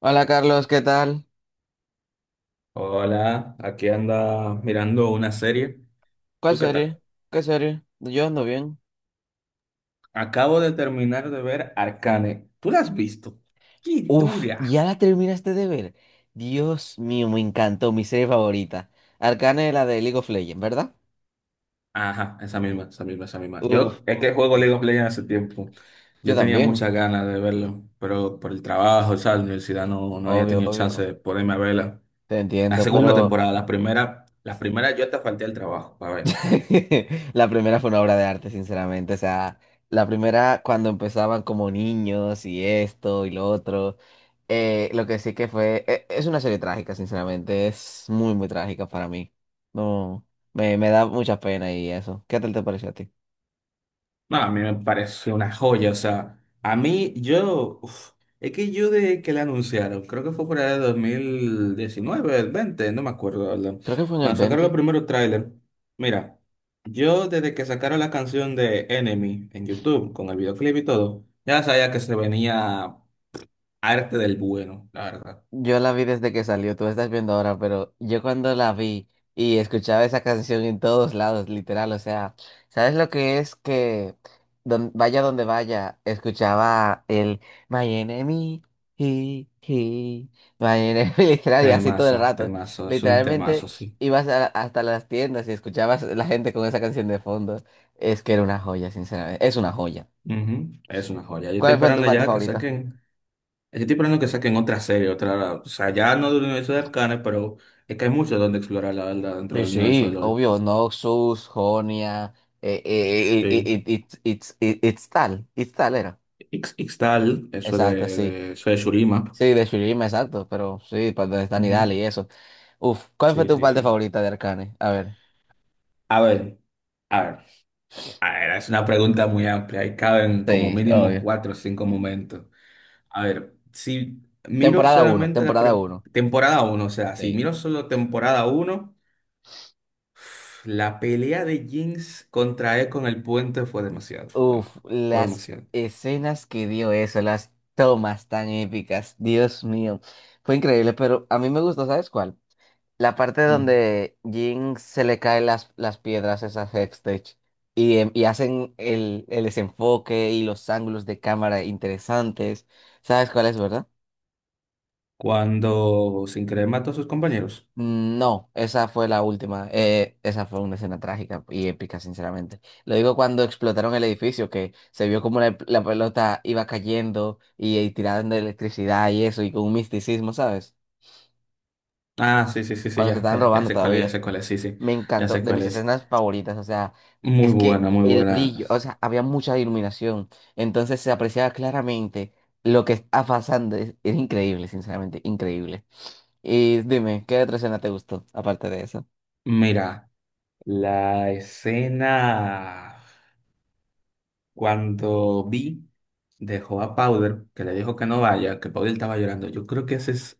Hola Carlos, ¿qué tal? Hola, aquí anda mirando una serie. ¿Cuál ¿Tú qué tal? serie? ¿Qué serie? Yo ando bien. Acabo de terminar de ver Arcane. ¿Tú la has visto? ¡Qué Uf, dura! ya la terminaste de ver. Dios mío, me encantó, mi serie favorita. Arcane es la de League of Legends, ¿verdad? Ajá, esa misma, esa misma, esa misma. Uf, Yo es uf, que juego uf. League of Legends hace tiempo. Yo Yo tenía también. muchas ganas de verlo, pero por el trabajo, o sea, la universidad no había Obvio, tenido chance obvio. de ponerme a verla. Te La entiendo, segunda pero temporada, la primera yo hasta falté al trabajo. la primera fue una obra de arte, sinceramente. O sea, la primera cuando empezaban como niños y esto y lo otro. Lo que sí que fue, es una serie trágica, sinceramente. Es muy, muy trágica para mí. No, me da mucha pena y eso. ¿Qué tal te pareció a ti? No, a mí me parece una joya, o sea, a mí yo, uf, es que yo de que la anunciaron, creo que fue por el 2019, el 20, no me acuerdo, la verdad. Creo que fue en el Cuando sacaron los veinte. primeros trailers, mira, yo desde que sacaron la canción de Enemy en YouTube, con el videoclip y todo, ya sabía que se venía arte del bueno, la verdad. Yo la vi desde que salió, tú la estás viendo ahora, pero yo cuando la vi y escuchaba esa canción en todos lados, literal, o sea, ¿sabes lo que es que vaya donde vaya, escuchaba el My Enemy, he, he, My Enemy, literal, y así todo Temazo, el rato. temazo, es un Literalmente temazo, sí. ibas hasta las tiendas y escuchabas la gente con esa canción de fondo. Es que era una joya, sinceramente, es una joya. Ujú, es una joya. Yo estoy ¿Cuál fue tu esperando parte ya que favorita? saquen. Estoy esperando que saquen otra serie, otra, o sea, ya no del universo de Arcane, pero es que hay mucho donde explorar, la verdad, dentro Sí, del universo de sí, LoL. obvio, Noxus, Jonia, Sí. It's tal era. Ixtal, eso de, Exacto, sí. Eso de Shurima. Sí, de Shurim, exacto, pero sí, para donde están Ujú. Nidal y eso. Uf, ¿cuál fue Sí, tu sí, parte sí. favorita de Arcane? A ver. A ver, a ver, a ver, es una pregunta muy amplia y caben como Sí, mínimo obvio. cuatro o cinco momentos. A ver, si miro Temporada uno, solamente la temporada uno. temporada uno, o sea, si Sí. miro solo temporada uno, la pelea de Jinx contra E con el puente fue demasiado, fue bueno, Uf, fue las demasiado. escenas que dio eso, las tomas tan épicas, Dios mío, fue increíble, pero a mí me gustó, ¿sabes cuál? La parte Mm. donde Jin se le caen las piedras, esas Hextech, y hacen el desenfoque y los ángulos de cámara interesantes. ¿Sabes cuál es, verdad? Cuando sin querer mató a sus compañeros. No, esa fue la última. Esa fue una escena trágica y épica, sinceramente. Lo digo cuando explotaron el edificio, que se vio como la pelota iba cayendo y tirando electricidad y eso, y con un misticismo, ¿sabes? Ah, sí, sí, sí, sí, Cuando se ya, estaban ya, ya robando sé cuál es, ya todavía. sé cuál es, sí, sí, Me ya encantó, sé de cuál mis es. escenas favoritas, o sea, Muy es que buena, muy el buena. brillo, o sea, había mucha iluminación, entonces se apreciaba claramente lo que está pasando, es increíble, sinceramente, increíble. Y dime, ¿qué otra escena te gustó, aparte de eso? Mira, la escena cuando Vi dejó a Powder, que le dijo que no vaya, que Powder estaba llorando. Yo creo que esa es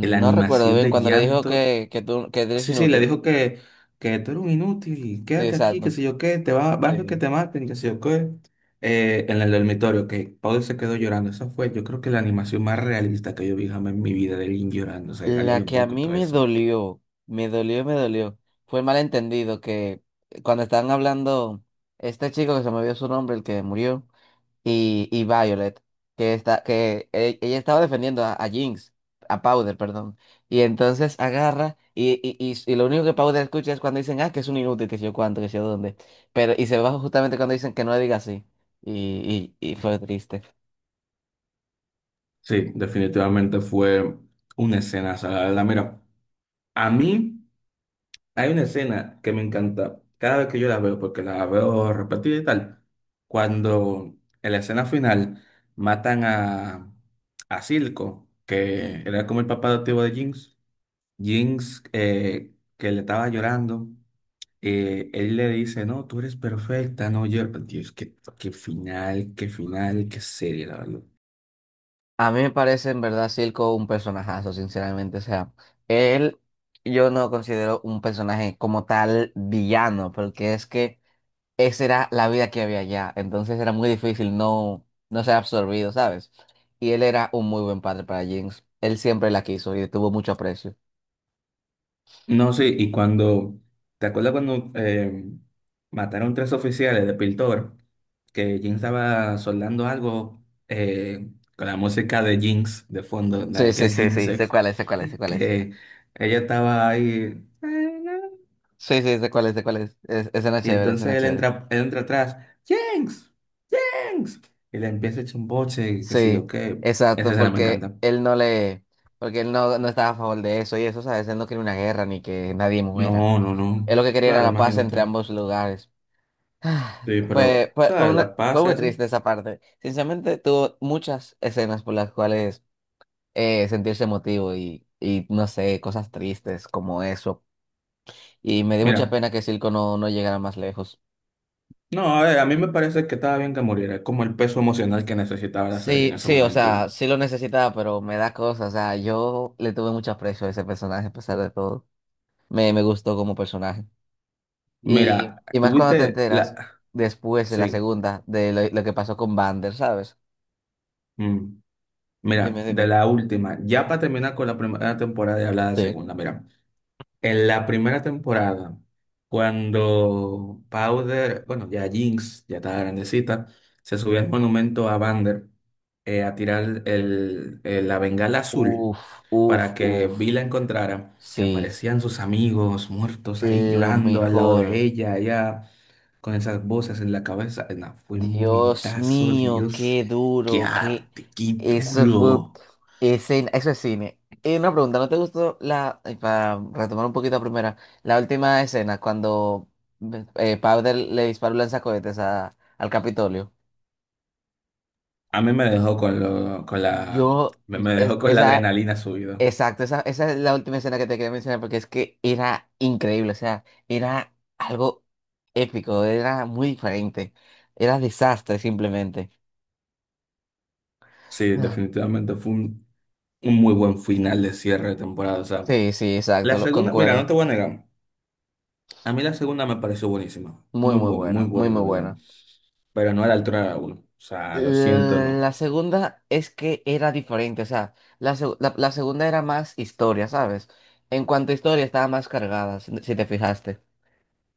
la No recuerdo animación bien, de cuando le dijo llanto. que, tú, que eres Sí, sí, le inútil. dijo que tú eres un inútil, Sí, quédate aquí, que exacto. sé yo qué, te va, vas a ver que Sí. te maten, que sé yo qué. En el dormitorio, que Paul se quedó llorando. Esa fue, yo creo que la animación más realista que yo vi jamás en mi vida de Lin llorando. O sea, le salía La los que a mocos y mí todo me eso. dolió, me dolió, me dolió, fue el malentendido que cuando estaban hablando, este chico que se me olvidó su nombre, el que murió. Y Violet, que está, que e- ella estaba defendiendo a Jinx, a Powder, perdón. Y entonces agarra y lo único que Powder escucha es cuando dicen, ah, que es un inútil, que sé yo cuánto, que sé yo dónde. Pero, y se baja justamente cuando dicen que no le diga así. Y fue triste. Sí, definitivamente fue una escena. O sea, la verdad, mira, a mí, hay una escena que me encanta cada vez que yo la veo, porque la veo repetida y tal. Cuando en la escena final matan a Silco, que era como el papá adoptivo de Jinx. Jinx, que le estaba llorando, él le dice, no, tú eres perfecta, no llores. Dios, qué, qué final, qué final, qué serie, la verdad. A mí me parece en verdad Silco un personajazo, sinceramente. O sea, él yo no lo considero un personaje como tal villano, porque es que esa era la vida que había allá. Entonces era muy difícil no ser absorbido, ¿sabes? Y él era un muy buen padre para Jinx. Él siempre la quiso y le tuvo mucho aprecio. No, sí, y cuando, ¿te acuerdas cuando mataron tres oficiales de Piltover? Que Jinx estaba soldando algo, con la música de Jinx de fondo, la Sí, de sí, Get sí, sí. Sé Jinxes, cuál es, sé cuál es, sé cuál es. que ella estaba ahí. Sí, sí, sé cuál es, sé cuál es. Es, escena Y chévere, entonces escena chévere. Él entra atrás, Jinx, Jinx, y le empieza a echar un boche y qué sé yo Sí, qué. Esa exacto, escena me encanta. Porque él no estaba a favor de eso y eso, ¿sabes? Él no quería una guerra ni que nadie muera. No, no, no. Él lo que quería era Claro, la paz entre imagínate. ambos lugares. Ah, Sí, pero, Fue, fue, fue ¿sabes? una, La fue pasa muy así. triste esa parte. Sinceramente, tuvo muchas escenas por las cuales sentirse emotivo no sé, cosas tristes como eso. Y me dio mucha Mira, pena que Silco no llegara más lejos. no, a ver, a mí me parece que estaba bien que muriera. Es como el peso emocional que necesitaba la serie en Sí, ese sí, o momento. sea, sí lo necesitaba, pero me da cosas. O sea, yo le tuve mucho aprecio a ese personaje a pesar de todo. Me gustó como personaje. Mira, Y más cuando te tuviste la... enteras después de la Sí. segunda de lo que pasó con Vander, ¿sabes? Mm. Mira, Dime, de dime. la última, ya para terminar con la primera temporada y hablar de la Sí. segunda, mira, en la primera temporada, cuando Powder, bueno, ya Jinx, ya estaba grandecita, se subió al monumento a Vander, a tirar el, la bengala azul Uf, uf, para que uf. Vi la encontrara, que Sí, aparecían sus amigos muertos ahí lo llorando al lado de mejor. ella, allá, con esas voces en la cabeza. No, fue un Dios momentazo, mío, Dios. qué ¡Qué duro, qué... arte! ¡Qué Eso fue... duro! Eso es cine. Y una pregunta, ¿no te gustó la... ay, para retomar un poquito la primera, la última escena, cuando Powder le disparó un lanzacohetes al Capitolio. A mí me dejó con lo, con la, Yo... me es- dejó con la esa... adrenalina subida. Exacto, esa es la última escena que te quería mencionar porque es que era increíble, o sea, era algo épico, era muy diferente, era desastre simplemente. Sí, Ah, definitivamente fue un muy buen final de cierre de temporada. O sea, sí, sí, exacto, la segunda, mira, no te concuerdo. voy a negar. A mí la segunda me pareció buenísima. Muy, muy Muy bueno, muy, buena, de muy verdad. bueno. Pero no a la altura de la uno. O sea, lo siento, no. La segunda es que era diferente, o sea, la segunda era más historia, ¿sabes? En cuanto a historia estaba más cargada, si te fijaste.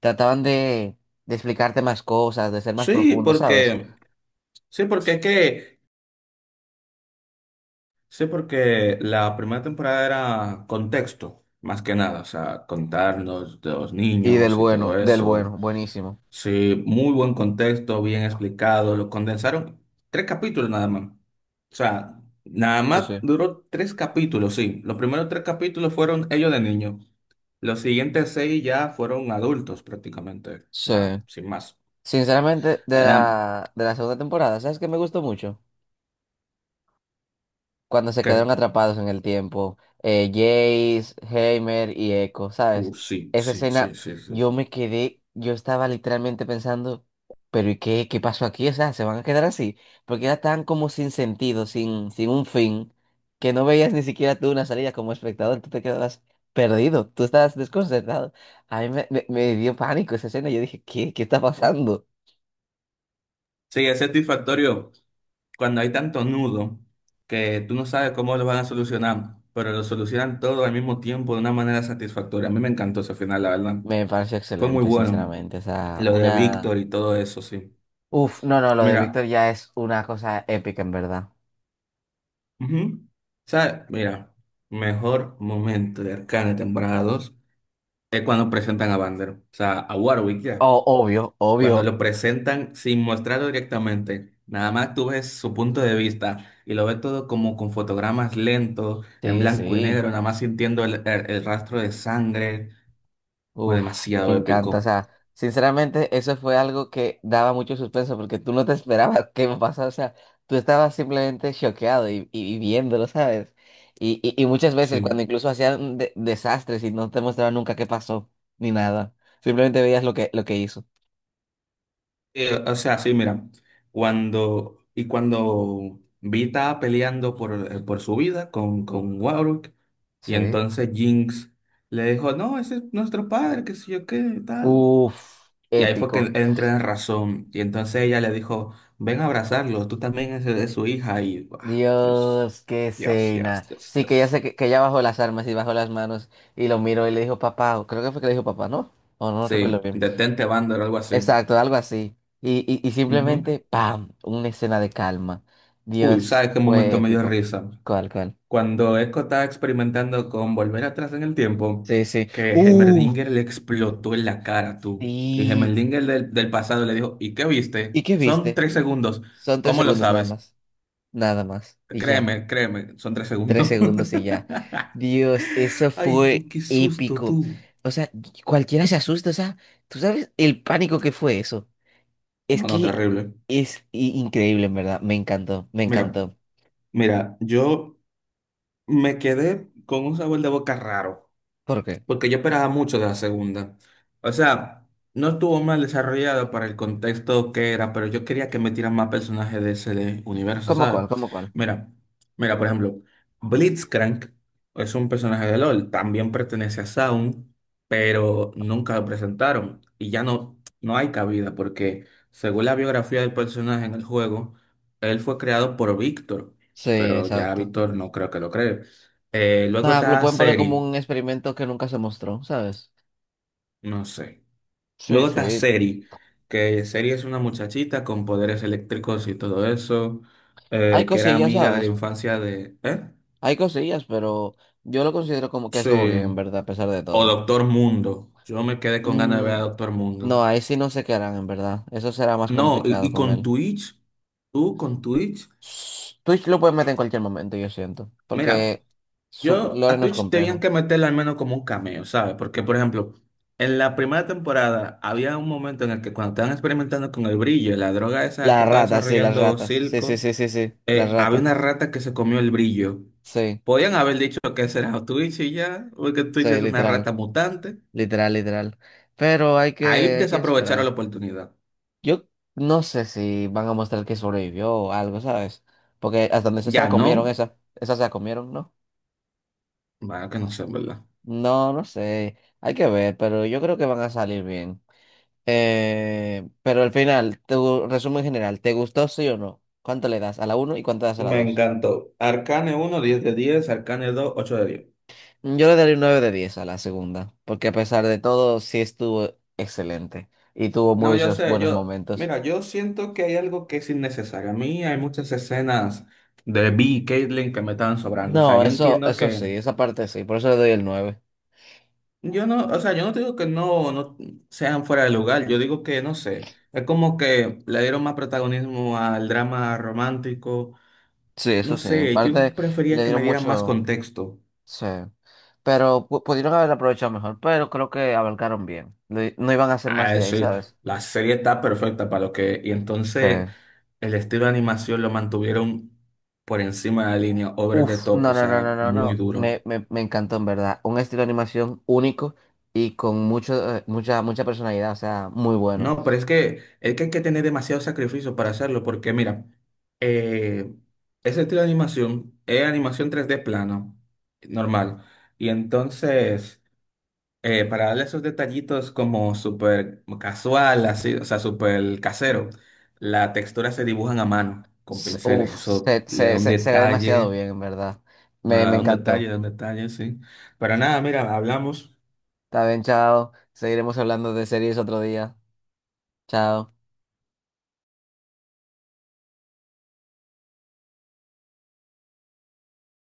Trataban de explicarte más cosas, de ser más Sí, profundo, ¿sabes? porque, sí, porque es que, sí, porque la primera temporada era contexto, más que nada, o sea, contarnos de los Y niños y todo del eso. bueno, buenísimo. Sí, muy buen contexto, bien explicado. Lo condensaron tres capítulos nada más. O sea, nada Sí, más sí. duró tres capítulos, sí. Los primeros tres capítulos fueron ellos de niños. Los siguientes seis ya fueron adultos prácticamente, o Sí. sea, sin más. Sinceramente, de Ah, la, de la segunda temporada, ¿sabes qué me gustó mucho? Cuando se quedaron ¿qué? atrapados en el tiempo, Jace, Heimer y Echo, ¿sabes? Sí, Esa sí, sí, escena, sí, sí, yo sí. me quedé, yo estaba literalmente pensando, pero ¿y qué, pasó aquí? O sea, ¿se van a quedar así? Porque era tan como sin sentido, sin un fin, que no veías ni siquiera tú una salida como espectador, tú te quedabas perdido, tú estabas desconcertado. A mí me dio pánico esa escena, yo dije, ¿qué está pasando? Sí, es satisfactorio cuando hay tanto nudo que tú no sabes cómo lo van a solucionar, pero lo solucionan todo al mismo tiempo de una manera satisfactoria. A mí me encantó ese final, la verdad. Me pareció Fue muy excelente, bueno. sinceramente, o sea, Lo de una... Víctor y todo eso, sí. Uf, no, no, lo de Víctor Mira, ya es una cosa épica, en verdad. ujú. ¿Sabes? Mira, mejor momento de Arcane temporada dos es cuando presentan a Vander, o sea, a Warwick ya. Oh, obvio, Cuando obvio. lo presentan sin mostrarlo directamente, nada más tú ves su punto de vista y lo ves todo como con fotogramas lentos, en Sí, blanco y sí. negro, nada más sintiendo el, el rastro de sangre, fue Uf, me demasiado encanta. O épico. sea, sinceramente, eso fue algo que daba mucho suspenso porque tú no te esperabas que me pasara. O sea, tú estabas simplemente choqueado y viéndolo, ¿sabes? Y muchas veces cuando Sí. incluso hacían desastres y no te mostraban nunca qué pasó, ni nada. Simplemente veías lo que hizo. O sea, sí, mira, cuando Vi estaba peleando por su vida con, Warwick, y Sí. entonces Jinx le dijo, no, ese es nuestro padre, que sé yo qué, tal. Uf, Y ahí fue que épico. él entró en razón. Y entonces ella le dijo, ven a abrazarlo, tú también eres de su hija. Y, ah, Dios, Dios, qué Dios, Dios, escena. Dios, Sí, que ya Dios. sé que ella bajó las armas y bajó las manos y lo miró y le dijo papá, o creo que fue que le dijo papá, ¿no? O no Sí, recuerdo bien. detente, Vander, algo así. Exacto, algo así. Y Ujú. simplemente, ¡pam! Una escena de calma. Uy, Dios, ¿sabes qué fue momento me dio épico. risa? ¿Cuál, cuál? Cuando Echo estaba experimentando con volver atrás en el tiempo, Sí, sí. que ¡Uh! Heimerdinger le explotó en la cara, tú. Y ¿Y, Heimerdinger del pasado le dijo, ¿y qué viste? ¿y qué Son viste? 3 segundos. Son tres ¿Cómo lo segundos nada sabes? más. Nada más. Y ya. Créeme, créeme, son tres Tres segundos. segundos y ya. Dios, eso Ay, tú, fue qué susto, épico. tú. O sea, cualquiera se asusta, o sea, tú sabes el pánico que fue eso. Es No, no, que terrible. es increíble, en verdad. Me encantó, me Mira, encantó. mira, yo me quedé con un sabor de boca raro, ¿Por qué? porque yo esperaba mucho de la segunda. O sea, no estuvo mal desarrollada para el contexto que era, pero yo quería que metieran más personajes de ese universo, ¿Cómo cuál? ¿sabes? ¿Cómo cuál? Mira, mira, por ejemplo, Blitzcrank es un personaje de LOL, también pertenece a Sound, pero nunca lo presentaron y ya no, no hay cabida porque según la biografía del personaje en el juego, él fue creado por Víctor, Sí, pero ya exacto. Víctor no creo que lo cree. Luego Nada, lo está pueden poner como Seri, un experimento que nunca se mostró, ¿sabes? no sé. Sí, Luego está sí. Seri, que Seri es una muchachita con poderes eléctricos y todo eso, Hay que era cosillas, amiga de la ¿sabes? infancia de... ¿Eh? Hay cosillas, pero yo lo considero como que estuvo bien, Sí. en verdad, a pesar de O todo. Doctor Mundo. Yo me quedé con ganas de ver a Mm, Doctor Mundo. no, ahí sí no sé qué harán, en verdad. Eso será más No, y, complicado y con con él. Twitch, tú con Twitch, Twitch lo puedes meter en cualquier momento, yo siento. mira, Porque su yo lore a no es Twitch tenían complejo. que meterle al menos como un cameo, ¿sabes? Porque, por ejemplo, en la primera temporada había un momento en el que cuando estaban experimentando con el brillo, la droga esa que estaba Las desarrollando ratas. Sí, sí, Silco, sí, sí, sí. Las había ratas. una rata que se comió el brillo. Sí, Podían haber dicho que será Twitch y ya, porque Twitch sí, es una literal. rata mutante. Literal, literal. Pero hay que, Ahí hay que desaprovecharon la esperar. oportunidad. Yo no sé si van a mostrar que sobrevivió o algo, ¿sabes? Porque hasta donde se Ya la comieron no, esa. Esa se la comieron, ¿no? bueno, que no sé, ¿en verdad? No, no sé. Hay que ver, pero yo creo que van a salir bien. Pero al final, tu resumen general, ¿te gustó sí o no? ¿Cuánto le das a la uno y cuánto le das a la Me dos? encantó. Arcane uno, 10 de 10. Arcane dos, 8 de 10. Yo le daré un 9/10 a la segunda, porque a pesar de todo, sí estuvo excelente y tuvo No, yo muchos sé, buenos yo, momentos. mira, yo siento que hay algo que es innecesario. A mí hay muchas escenas de Vi y Caitlyn que me estaban sobrando. O sea, No, yo eso, entiendo eso sí, que... esa parte sí, por eso le doy el 9. Yo no, o sea, yo no te digo que no, no sean fuera de lugar, yo digo que no sé, es como que le dieron más protagonismo al drama romántico, Sí, no eso sí, en sé, yo parte prefería le que dieron me dieran más mucho, contexto, sí, pero pudieron haber aprovechado mejor, pero creo que abarcaron bien. No, no iban a hacer más a de ahí, decir, ¿sabes? la serie está perfecta para lo que, y Sí. entonces el estilo de animación lo mantuvieron por encima de la línea, over the Uf, top, no, o no, no, no, sea, no, muy no. duro. Me encantó en verdad. Un estilo de animación único y con mucha personalidad, o sea, muy bueno. No, pero es que hay que tener demasiado sacrificio para hacerlo, porque mira, eh, ese estilo de animación es animación 3D plana, normal. Y entonces, para darle esos detallitos como súper casual, así, o sea, súper casero, las texturas se dibujan a mano con pinceles. Uf, Eso se, le da se, un se, se ve demasiado detalle, bien en verdad. Me nada, un detalle, encantó. da un detalle, sí. Pero nada, mira, hablamos. Está bien, chao. Seguiremos hablando de series otro día. Chao.